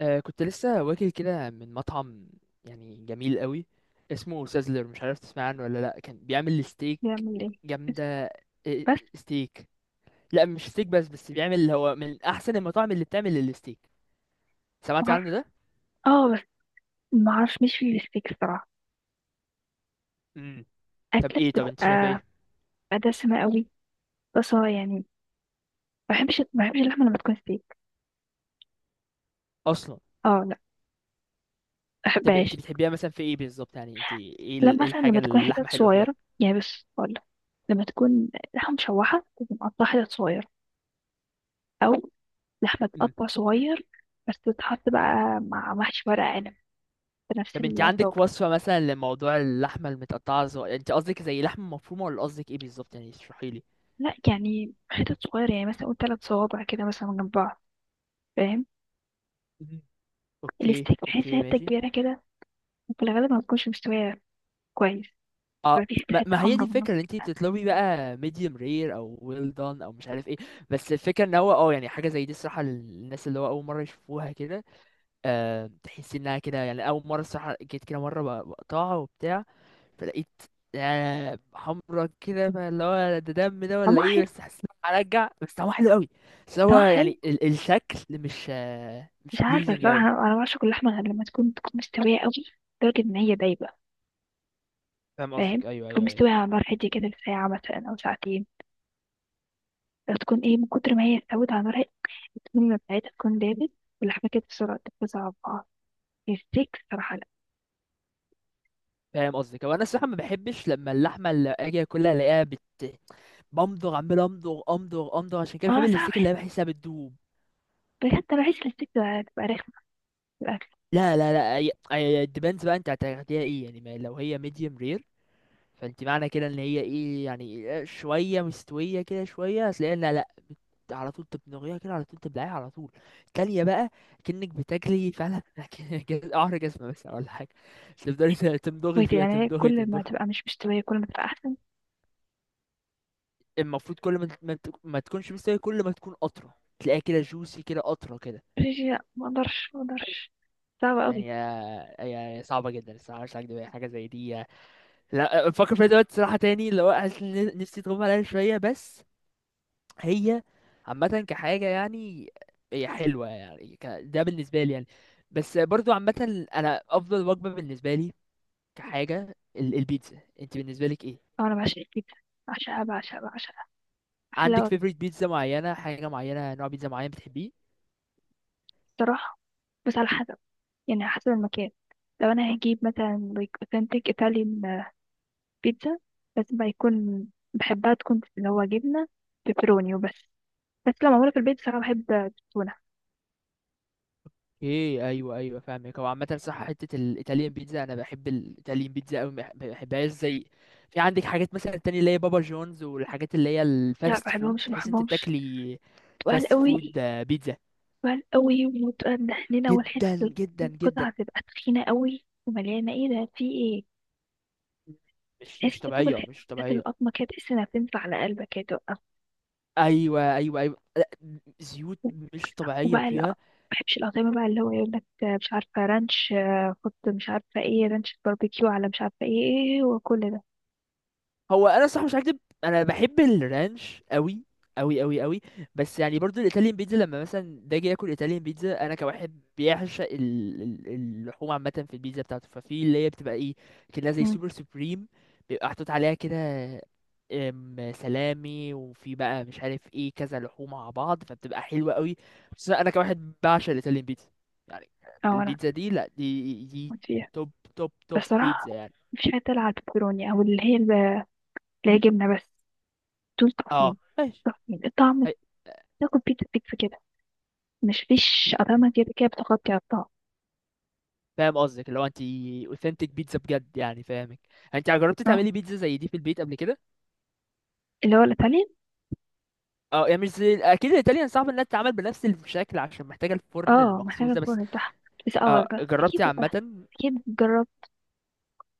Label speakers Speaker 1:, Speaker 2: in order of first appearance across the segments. Speaker 1: كنت لسه واكل كده من مطعم، يعني جميل قوي. اسمه سازلر. مش عارف تسمع عنه ولا لا. كان بيعمل ستيك
Speaker 2: بيعمل ايه؟
Speaker 1: جامدة. إيه،
Speaker 2: بس
Speaker 1: ستيك. لا مش ستيك بس بيعمل. هو من احسن المطاعم اللي بتعمل الستيك. سمعت
Speaker 2: معرف...
Speaker 1: عنه ده؟
Speaker 2: اه بس ما اعرفش، مش في الستيك الصراحه.
Speaker 1: امم
Speaker 2: اكله
Speaker 1: طب انت شايف
Speaker 2: بتبقى
Speaker 1: ايه؟
Speaker 2: بتبقى دسمه قوي. بس اه يعني ما بحبش اللحمه لما تكون ستيك.
Speaker 1: اصلا؟
Speaker 2: اه لا ما
Speaker 1: طب انت
Speaker 2: بحبهاش.
Speaker 1: بتحبيها مثلا في ايه بالظبط؟ يعني انت ايه
Speaker 2: لا
Speaker 1: ال- إيه
Speaker 2: مثلا
Speaker 1: الحاجة
Speaker 2: لما تكون
Speaker 1: اللي اللحمة
Speaker 2: حتت
Speaker 1: حلوة فيها؟
Speaker 2: صغيره يعني بس، ولا لما تكون لحمه مشوحه تكون مقطعه حتت صغيره، او لحمه
Speaker 1: امم
Speaker 2: تقطع صغير بس تتحط بقى مع محشي ورق عنب بنفس
Speaker 1: طب انت
Speaker 2: الطاجن.
Speaker 1: عندك وصفة مثلا لموضوع اللحمة المتقطعة، انت قصدك زي لحمة مفرومة، ولا قصدك ايه بالظبط؟ يعني اشرحيلي.
Speaker 2: لا يعني حتت صغيره يعني، مثلا قول ثلاث صوابع كده مثلا جنب بعض، فاهم؟
Speaker 1: مم. اوكي،
Speaker 2: الستيك بحس
Speaker 1: اوكي،
Speaker 2: حته
Speaker 1: ماشي.
Speaker 2: كبيره كده، في الغالب ما بتكونش مستوية كويس.
Speaker 1: اه،
Speaker 2: بيبقى في حتة
Speaker 1: ما
Speaker 2: حتة
Speaker 1: ما هي دي
Speaker 2: حمرا في
Speaker 1: الفكره،
Speaker 2: النص.
Speaker 1: ان انت بتطلبي بقى medium rare او well done او مش عارف ايه. بس الفكره ان هو يعني حاجه زي دي الصراحه، للناس اللي هو اول مره يشوفوها كده. تحس انها كده، يعني اول مره الصراحه جيت كده مره بقطعها وبتاع. فلقيت حمرا كده، فاللي هو ده دم ده ولا
Speaker 2: طعمها
Speaker 1: ايه؟
Speaker 2: حلو.
Speaker 1: بس حسيت إن أنا هرجع، بس طعمه حلو قوي. بس هو
Speaker 2: طعمها حلو.
Speaker 1: يعني الشكل مش مش
Speaker 2: مش عارفة
Speaker 1: pleasing
Speaker 2: صراحة،
Speaker 1: قوي.
Speaker 2: أنا بعشق اللحمة غير لما تكون مستوية أوي، لدرجة إن هي دايبة.
Speaker 1: فاهم
Speaker 2: فاهم.
Speaker 1: قصدك، ايوه،
Speaker 2: تكون
Speaker 1: ايوه، ايوه.
Speaker 2: مستوية على نار هادية كده لساعة مثلا أو ساعتين. لو تكون إيه من كتر ما هي استوت على نار هادية، السمنة بتاعتها تكون دابت، واللحمة كده بسرعة تتوزع على بعض. الستيك صراحة لأ.
Speaker 1: فاهم قصدك. هو انا الصراحه ما بحبش لما اللحمه اللي اجي اكلها الاقيها بمضغ عمال، امضغ امضغ امضغ، عشان كده بحب
Speaker 2: أنا صعب
Speaker 1: الاستيك
Speaker 2: بحس،
Speaker 1: اللي بحسها بتدوب.
Speaker 2: بجد أنا بحس إن الستيك ده تبقى رخمة في الأكل.
Speaker 1: لا، لا، لا، هي الديبندز بقى. انت هتاخديها ايه يعني؟ ما لو هي ميديوم رير، فانت معنى كده ان هي ايه يعني، شويه مستويه كده شويه. هتلاقيها لا، لا، على طول تبنغيها كده، على طول تبلعيها على طول. تانية بقى. كأنك بتاكلي فعلا قعر جزمة بس ولا حاجة. تفضلي تمضغي
Speaker 2: بجد
Speaker 1: فيها،
Speaker 2: يعني
Speaker 1: تمضغي
Speaker 2: كل ما
Speaker 1: تمضغي.
Speaker 2: تبقى مش مستوية كل ما تبقى أحسن.
Speaker 1: المفروض كل ما ما تكونش مستوية، كل ما تكون قطرة تلاقيها كده جوسي كده قطرة كده.
Speaker 2: لا، ما أقدرش ما أقدرش، صعبة أوي.
Speaker 1: يعني يعني صعبة جدا الصراحة، مش هكدب يعني. حاجة زي دي لا بفكر فيها دلوقتي صراحة تاني، اللي هو حاسس إن نفسي تغمى عليها شوية بس. هي عامة كحاجة يعني، هي حلوة يعني، ده بالنسبة لي يعني. بس برضو عامة أنا أفضل وجبة بالنسبة لي كحاجة البيتزا. أنت بالنسبة لك إيه؟
Speaker 2: أو أنا بعشق الكبدة، بعشقها بعشقها بعشقها، أحلى
Speaker 1: عندك
Speaker 2: وجبة.
Speaker 1: favorite بيتزا معينة، حاجة معينة، نوع بيتزا معين بتحبيه؟
Speaker 2: الصراحة بس على حسب، يعني على حسب المكان. لو أنا هجيب مثلا like authentic Italian بيتزا، لازم بقى يكون، بحبها تكون اللي هو جبنة بيبروني وبس. بس لو معمولة في البيت صراحة بحب التونة.
Speaker 1: ايه، ايوه، ايوه، فاهمك. هو عامه صح حته الايطاليان بيتزا، انا بحب الايطاليان بيتزا قوي، ما بحبهاش زي، في عندك حاجات مثلا تانية اللي هي بابا جونز والحاجات اللي هي
Speaker 2: لا
Speaker 1: الفاست فود
Speaker 2: بحبهمش
Speaker 1: تحس انت
Speaker 2: بحبهمش،
Speaker 1: بتاكلي
Speaker 2: تقال
Speaker 1: فاست فود،
Speaker 2: قوي.
Speaker 1: بيتزا.
Speaker 2: تقال قوي وتقال مدهننة،
Speaker 1: جدا
Speaker 2: والحتة
Speaker 1: جدا جدا.
Speaker 2: القطعة تبقى تخينة قوي ومليانة، ايه ده في ايه؟
Speaker 1: مش
Speaker 2: تحس
Speaker 1: مش
Speaker 2: انت بتاكل
Speaker 1: طبيعيه، مش
Speaker 2: حتة
Speaker 1: طبيعيه.
Speaker 2: القطمة كده، تحس انها بتنزل على قلبك كده.
Speaker 1: ايوه، ايوه، ايوه، لا، زيوت، مش طبيعيه
Speaker 2: وبقى لا ما
Speaker 1: فيها.
Speaker 2: بحبش الأطعمة بقى اللي هو يقول لك مش عارفة رانش، آه، حط مش عارفة ايه رانش باربيكيو على مش عارفة ايه، إيه، وكل ده.
Speaker 1: هو انا صح مش هكدب، انا بحب الرانش قوي، قوي قوي قوي. بس يعني برضو الايطاليان بيتزا لما مثلا باجي اكل ايطاليان بيتزا انا كواحد بيعشق اللحوم عامه في البيتزا بتاعته، ففي اللي هي بتبقى ايه كده زي
Speaker 2: مم.
Speaker 1: سوبر سوبريم. بيبقى محطوط عليها كده سلامي وفي بقى مش عارف ايه، كذا لحوم مع بعض، فبتبقى حلوه قوي. بس انا كواحد بعشق الايطاليان بيتزا يعني.
Speaker 2: اه انا
Speaker 1: البيتزا دي، لا، دي
Speaker 2: كنت فيها.
Speaker 1: توب، توب
Speaker 2: بس
Speaker 1: توب
Speaker 2: صراحة
Speaker 1: بيتزا يعني.
Speaker 2: مفيش حاجة تلعب على البيبروني او اللي هي اللي هي جبنة بس. دول
Speaker 1: اه،
Speaker 2: تحفين،
Speaker 1: ماشي.
Speaker 2: تحفين الطعم. تاكل بيتزا بيتزا كده، مش فيش أطعمة كده كده بتغطي على الطعم.
Speaker 1: فاهم قصدك، اللي هو انت اوثنتيك بيتزا بجد يعني، فاهمك. انت جربت
Speaker 2: اه
Speaker 1: تعملي بيتزا زي دي في البيت قبل كده؟
Speaker 2: اللي هو الإيطاليان.
Speaker 1: اه يعني مش زي اكيد. الايطاليان صعب انها تتعمل بنفس الشكل عشان محتاجه الفرن
Speaker 2: اه محتاجة
Speaker 1: المخصوص ده بس.
Speaker 2: الفرن بتاعها. بس اه
Speaker 1: اه
Speaker 2: أكيد،
Speaker 1: جربتي عامه؟
Speaker 2: أكيد جربت.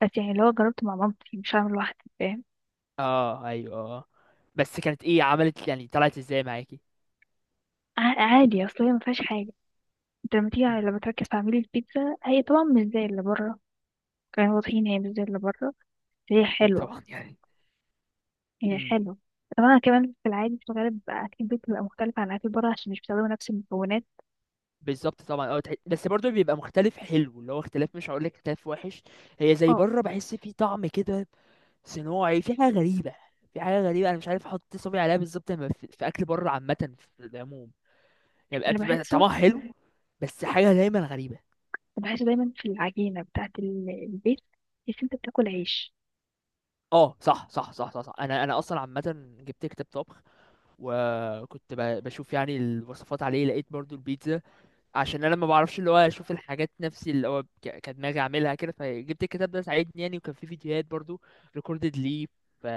Speaker 2: بس يعني اللي هو جربته مع مامتي مش هعمل لوحدي، فاهم.
Speaker 1: اه، ايوه، اه. بس كانت ايه عملت يعني؟ طلعت ازاي معاكي؟
Speaker 2: عادي، أصل هي مفيهاش حاجة. انت لما تيجي
Speaker 1: امم
Speaker 2: لما تركز في عميل البيتزا، هي طبعا مش زي اللي بره كانوا واضحين، هي مش زي اللي بره بس هي
Speaker 1: اكيد
Speaker 2: حلوة.
Speaker 1: طبعا يعني.
Speaker 2: هي
Speaker 1: امم
Speaker 2: حلوة طبعا. كمان في العادي في الغالب أكل البيت بيبقى مختلف عن أكل بره عشان مش بيستخدموا نفس المكونات.
Speaker 1: بالظبط طبعا. بس برضه بيبقى مختلف حلو، اللي هو اختلاف مش هقول لك اختلاف وحش. هي زي
Speaker 2: اه
Speaker 1: بره بحس في طعم كده صناعي، في حاجة غريبة. في حاجة غريبة أنا مش عارف أحط صبعي عليها بالظبط لما في أكل بره عامة في العموم. يعني
Speaker 2: اللي
Speaker 1: بتبقى
Speaker 2: بحسه،
Speaker 1: طعمها حلو، بس حاجة دايما غريبة.
Speaker 2: اللي بحسه دايما في العجينة بتاعة البيت، إن أنت بتاكل عيش.
Speaker 1: اه، صح، صح، صح، صح، صح. انا اصلا عامه جبت كتاب طبخ، وكنت بشوف يعني الوصفات عليه، لقيت برضو البيتزا. عشان انا ما بعرفش اللي هو اشوف الحاجات نفسي اللي هو كدماغي اعملها كده، فجبت الكتاب ده ساعدني يعني، وكان فيه فيديوهات برضو ريكوردد ليه. ف-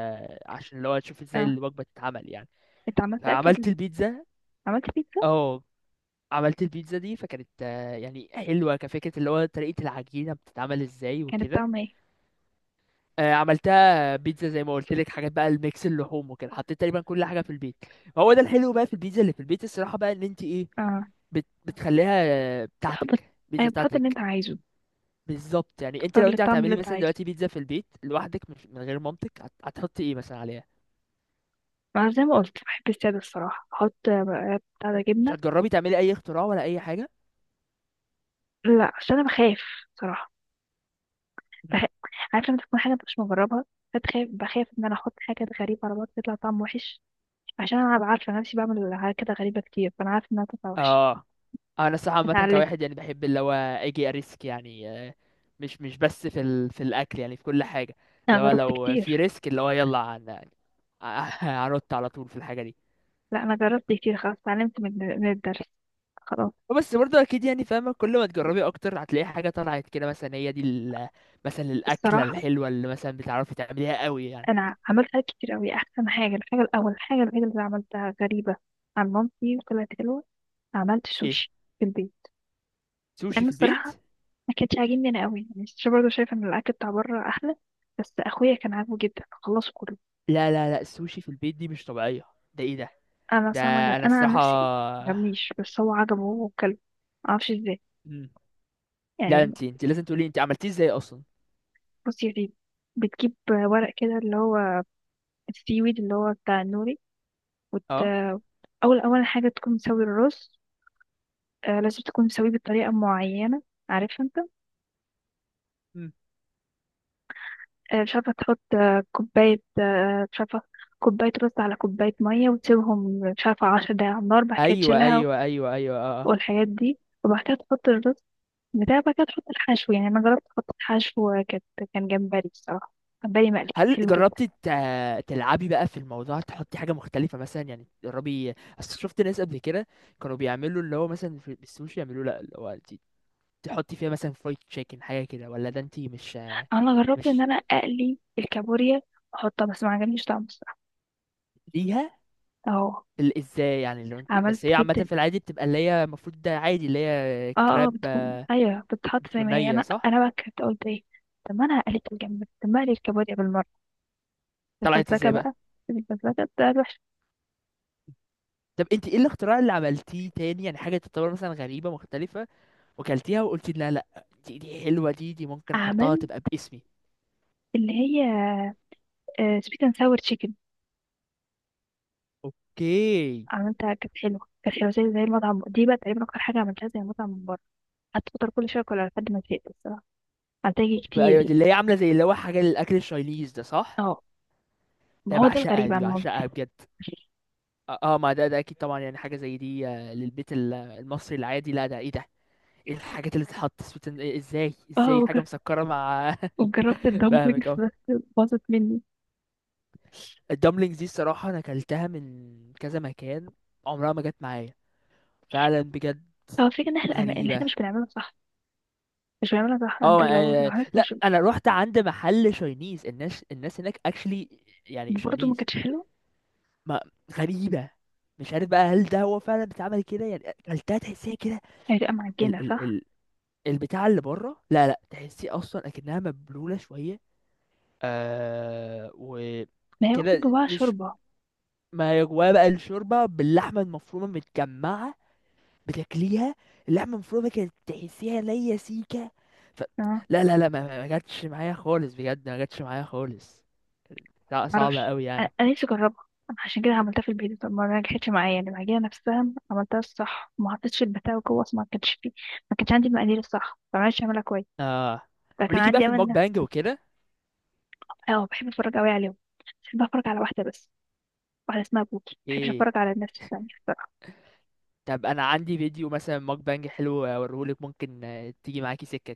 Speaker 1: عشان اللي هو اشوف ازاي
Speaker 2: اه
Speaker 1: الوجبه تتعمل يعني.
Speaker 2: أنت عملت أكل
Speaker 1: فعملت البيتزا.
Speaker 2: عملت بيتزا.
Speaker 1: اه، عملت البيتزا دي، فكانت يعني حلوة كفكرة اللي هو طريقة العجينة بتتعمل ازاي
Speaker 2: كانت
Speaker 1: وكده.
Speaker 2: طعمها ايه؟
Speaker 1: عملتها بيتزا زي ما قلت لك. حاجات بقى الميكس اللحوم وكده، حطيت تقريبا كل حاجة في البيت. هو ده الحلو بقى في البيتزا اللي في البيت الصراحة، بقى ان انت ايه،
Speaker 2: اه
Speaker 1: بتخليها
Speaker 2: تحط،
Speaker 1: بتاعتك، بيتزا
Speaker 2: أيوة بتحط اللي أنت
Speaker 1: بتاعتك.
Speaker 2: عايزه،
Speaker 1: بالظبط. يعني انت
Speaker 2: تختار
Speaker 1: لو انت
Speaker 2: الطعم اللي
Speaker 1: هتعملي
Speaker 2: أنت
Speaker 1: مثلا
Speaker 2: عايزه.
Speaker 1: دلوقتي بيتزا في البيت لوحدك، مش من غير مامتك، هتحطي ايه مثلا عليها؟
Speaker 2: ما زي ما قلت بحب السادة الصراحة، أحط آه، بتاع ده
Speaker 1: مش
Speaker 2: جبنة.
Speaker 1: هتجربي تعملي اي اختراع ولا اي حاجة؟
Speaker 2: لا عشان أنا بخاف صراحة. بح... عارفه لما تكون حاجه مش مجربها، فتخاف. بخاف ان انا احط حاجه غريبه على بعض تطلع طعم وحش. عشان انا أبقى عارفه نفسي بعمل حاجات كده غريبه كتير، فانا عارفه انها تطلع وحش.
Speaker 1: اه انا الصراحه عامه كواحد
Speaker 2: اتعلمت.
Speaker 1: يعني بحب اللي هو اجي اريسك يعني مش بس في في الاكل يعني، في كل حاجه.
Speaker 2: انا
Speaker 1: اللي هو
Speaker 2: جربت
Speaker 1: لو في
Speaker 2: كتير.
Speaker 1: ريسك اللي هو يلا هنط على طول في الحاجه دي.
Speaker 2: لا انا جربت كتير، خلاص اتعلمت من الدرس، خلاص.
Speaker 1: بس برضه اكيد يعني فاهمه، كل ما تجربي اكتر هتلاقي حاجه طلعت كده، مثلا هي دي مثلا الاكله
Speaker 2: الصراحه
Speaker 1: الحلوه اللي مثلا بتعرفي تعمليها قوي يعني؟
Speaker 2: انا عملت حاجات كتير قوي. احسن حاجه، الحاجه الاول، الحاجه الوحيده اللي عملتها غريبه عن مامتي وطلعت حلوه، عملت
Speaker 1: ايه؟
Speaker 2: سوشي في البيت.
Speaker 1: سوشي
Speaker 2: لان
Speaker 1: في البيت؟
Speaker 2: الصراحه ما كانش عاجبني انا قوي، يعني مش برضه شايفه ان الاكل بتاع بره احلى. بس اخويا كان عاجبه جدا خلصه كله.
Speaker 1: لا، لا، لا، السوشي في البيت دي مش طبيعيه. ده ايه ده؟
Speaker 2: انا
Speaker 1: ده
Speaker 2: فاهمه جدا،
Speaker 1: انا
Speaker 2: انا عن
Speaker 1: الصراحه.
Speaker 2: نفسي مجبنيش، بس هو عجبه هو وكله، معرفش ازاي
Speaker 1: مم. لا،
Speaker 2: يعني.
Speaker 1: انت لازم تقولي انت عملتيه ازاي اصلا.
Speaker 2: بصي يا سيدي، بتجيب ورق كده اللي هو السي ويد اللي هو بتاع النوري، وت...
Speaker 1: اه.
Speaker 2: اول اول حاجه تكون مسوي الرز. آه لازم تكون مسويه بطريقه معينه، عارف انت.
Speaker 1: مم.
Speaker 2: آه مش عارفه، تحط آه كوبايه، آه مش عارفه، كوبايه رز على كوبايه ميه، وتسيبهم مش عارفه عشر دقايق على النار، بعد كده
Speaker 1: ايوه،
Speaker 2: تشيلها
Speaker 1: ايوه، ايوه، ايوه، اه، آه.
Speaker 2: والحاجات دي. وبعد كده تحط الرز بتاع بقى كده، تحط الحشو. يعني انا جربت احط الحشو، كان جمبري الصراحه، جمبري مقلي، كان
Speaker 1: هل
Speaker 2: حلو جدا.
Speaker 1: جربتي تلعبي بقى في الموضوع؟ تحطي حاجة مختلفة مثلا يعني تجربي؟ اصل شفت ناس قبل كده كانوا بيعملوا اللي هو مثلا في السوشي يعملوه، لا اللي هو انت تحطي فيها مثلا فرايد تشيكن حاجة كده، ولا ده انت مش
Speaker 2: انا جربت ان
Speaker 1: مش
Speaker 2: انا اقلي الكابوريا واحطها، بس ما عجبنيش طعمه الصراحه.
Speaker 1: ليها
Speaker 2: اهو
Speaker 1: ازاي يعني؟ لو انت
Speaker 2: عملت
Speaker 1: بس هي عامة
Speaker 2: جبت
Speaker 1: في العادي بتبقى اللي هي المفروض ده عادي اللي هي
Speaker 2: اه
Speaker 1: كراب
Speaker 2: بتكون، ايوه بتتحط زي
Speaker 1: بتكون
Speaker 2: ما هي.
Speaker 1: نية،
Speaker 2: انا
Speaker 1: صح؟
Speaker 2: انا بقى كنت قلت ايه، طب ما انا قليت الجمبري طب ما اقلي الكابوريا بالمره،
Speaker 1: طلعت
Speaker 2: الفزلكه
Speaker 1: ازاي بقى؟
Speaker 2: بقى. الفزلكه بتاعت وحش.
Speaker 1: طب انت ايه الاختراع اللي عملتيه تاني يعني؟ حاجة تعتبر مثلا غريبة مختلفة وكلتيها وقلتي لا، لا، دي حلوة، دي ممكن احطها
Speaker 2: عملت
Speaker 1: تبقى باسمي.
Speaker 2: اللي هي سويت اند ساور تشيكن،
Speaker 1: اوكي.
Speaker 2: عملتها كانت حلوه، كانت حلوه زي زي المطعم. دي بقى تقريبا اكتر حاجه عملتها زي المطعم من بره، قعدت فتره كل شويه اكلها لحد ما زهقت الصراحه، هتاجي
Speaker 1: أيوة، دي
Speaker 2: كتير.
Speaker 1: اللي هي عامله زي اللي هو حاجه للاكل الشايليز، ده صح؟
Speaker 2: اه ما
Speaker 1: ده
Speaker 2: هو ده
Speaker 1: بعشقها،
Speaker 2: الغريب
Speaker 1: دي
Speaker 2: عن
Speaker 1: بعشقها
Speaker 2: مامتي.
Speaker 1: بجد. اه، ما ده اكيد طبعا يعني، حاجه زي دي للبيت المصري العادي، لا ده ايه ده؟ ايه الحاجات اللي تتحط سويت ازاي
Speaker 2: اه
Speaker 1: ازاي حاجه مسكره مع
Speaker 2: وجربت الدمبلينجز
Speaker 1: فاهمك اهو.
Speaker 2: بس باظت مني.
Speaker 1: الدمبلينجز دي الصراحه انا اكلتها من كذا مكان، عمرها ما جت معايا، فعلا بجد.
Speaker 2: هو الفكرة ان احنا ان احنا
Speaker 1: غريبه.
Speaker 2: مش بنعملها صح، مش بنعملها صح، انت
Speaker 1: اه،
Speaker 2: لو حضرتك
Speaker 1: لا
Speaker 2: مش
Speaker 1: انا رحت عند محل شاينيز، الناس هناك اكشلي يعني
Speaker 2: برضه، ما
Speaker 1: شاينيز.
Speaker 2: كانتش حلوة.
Speaker 1: ما غريبة. مش عارف بقى هل ده هو فعلا بيتعمل كده، يعني اكلتها تحسيها كده.
Speaker 2: هتبقى معجنة
Speaker 1: ال ال
Speaker 2: صح؟
Speaker 1: ال البتاع اللي بره، لا، لا، تحسيه اصلا اكنها مبلولة شوية
Speaker 2: ما هي المفروض
Speaker 1: وكده
Speaker 2: جواها
Speaker 1: مش،
Speaker 2: شوربة.
Speaker 1: ما هي جواها بقى الشوربة باللحمة المفرومة متجمعة، بتاكليها اللحمة المفرومة كانت تحسيها ليا سيكة. ف...
Speaker 2: اه
Speaker 1: لا، لا، لا، ما جاتش معايا خالص بجد، ما جاتش معايا خالص. لا صعبة
Speaker 2: معرفش،
Speaker 1: قوي
Speaker 2: انا
Speaker 1: يعني.
Speaker 2: أنا نفسي اجربها. أنا عشان كده عملتها في البيت، طب ما نجحتش معايا يعني المعجنة نفسها عملتها الصح، ما حطيتش البتاع جوه أصل ما كانش فيه. ما كانش عندي المقادير الصح، ما عرفتش اعملها كويس،
Speaker 1: اه،
Speaker 2: فكان
Speaker 1: وليكي بقى
Speaker 2: عندي
Speaker 1: في الموك
Speaker 2: امل
Speaker 1: بانج وكده؟
Speaker 2: اه بحب اتفرج قوي عليهم. بحب اتفرج على واحدة بس، واحدة اسمها بوكي، مبحبش
Speaker 1: ايه؟
Speaker 2: اتفرج على الناس التانية.
Speaker 1: طب انا عندي فيديو مثلا ماك بانج حلو اوريهولك، ممكن تيجي معاكي سكة كده.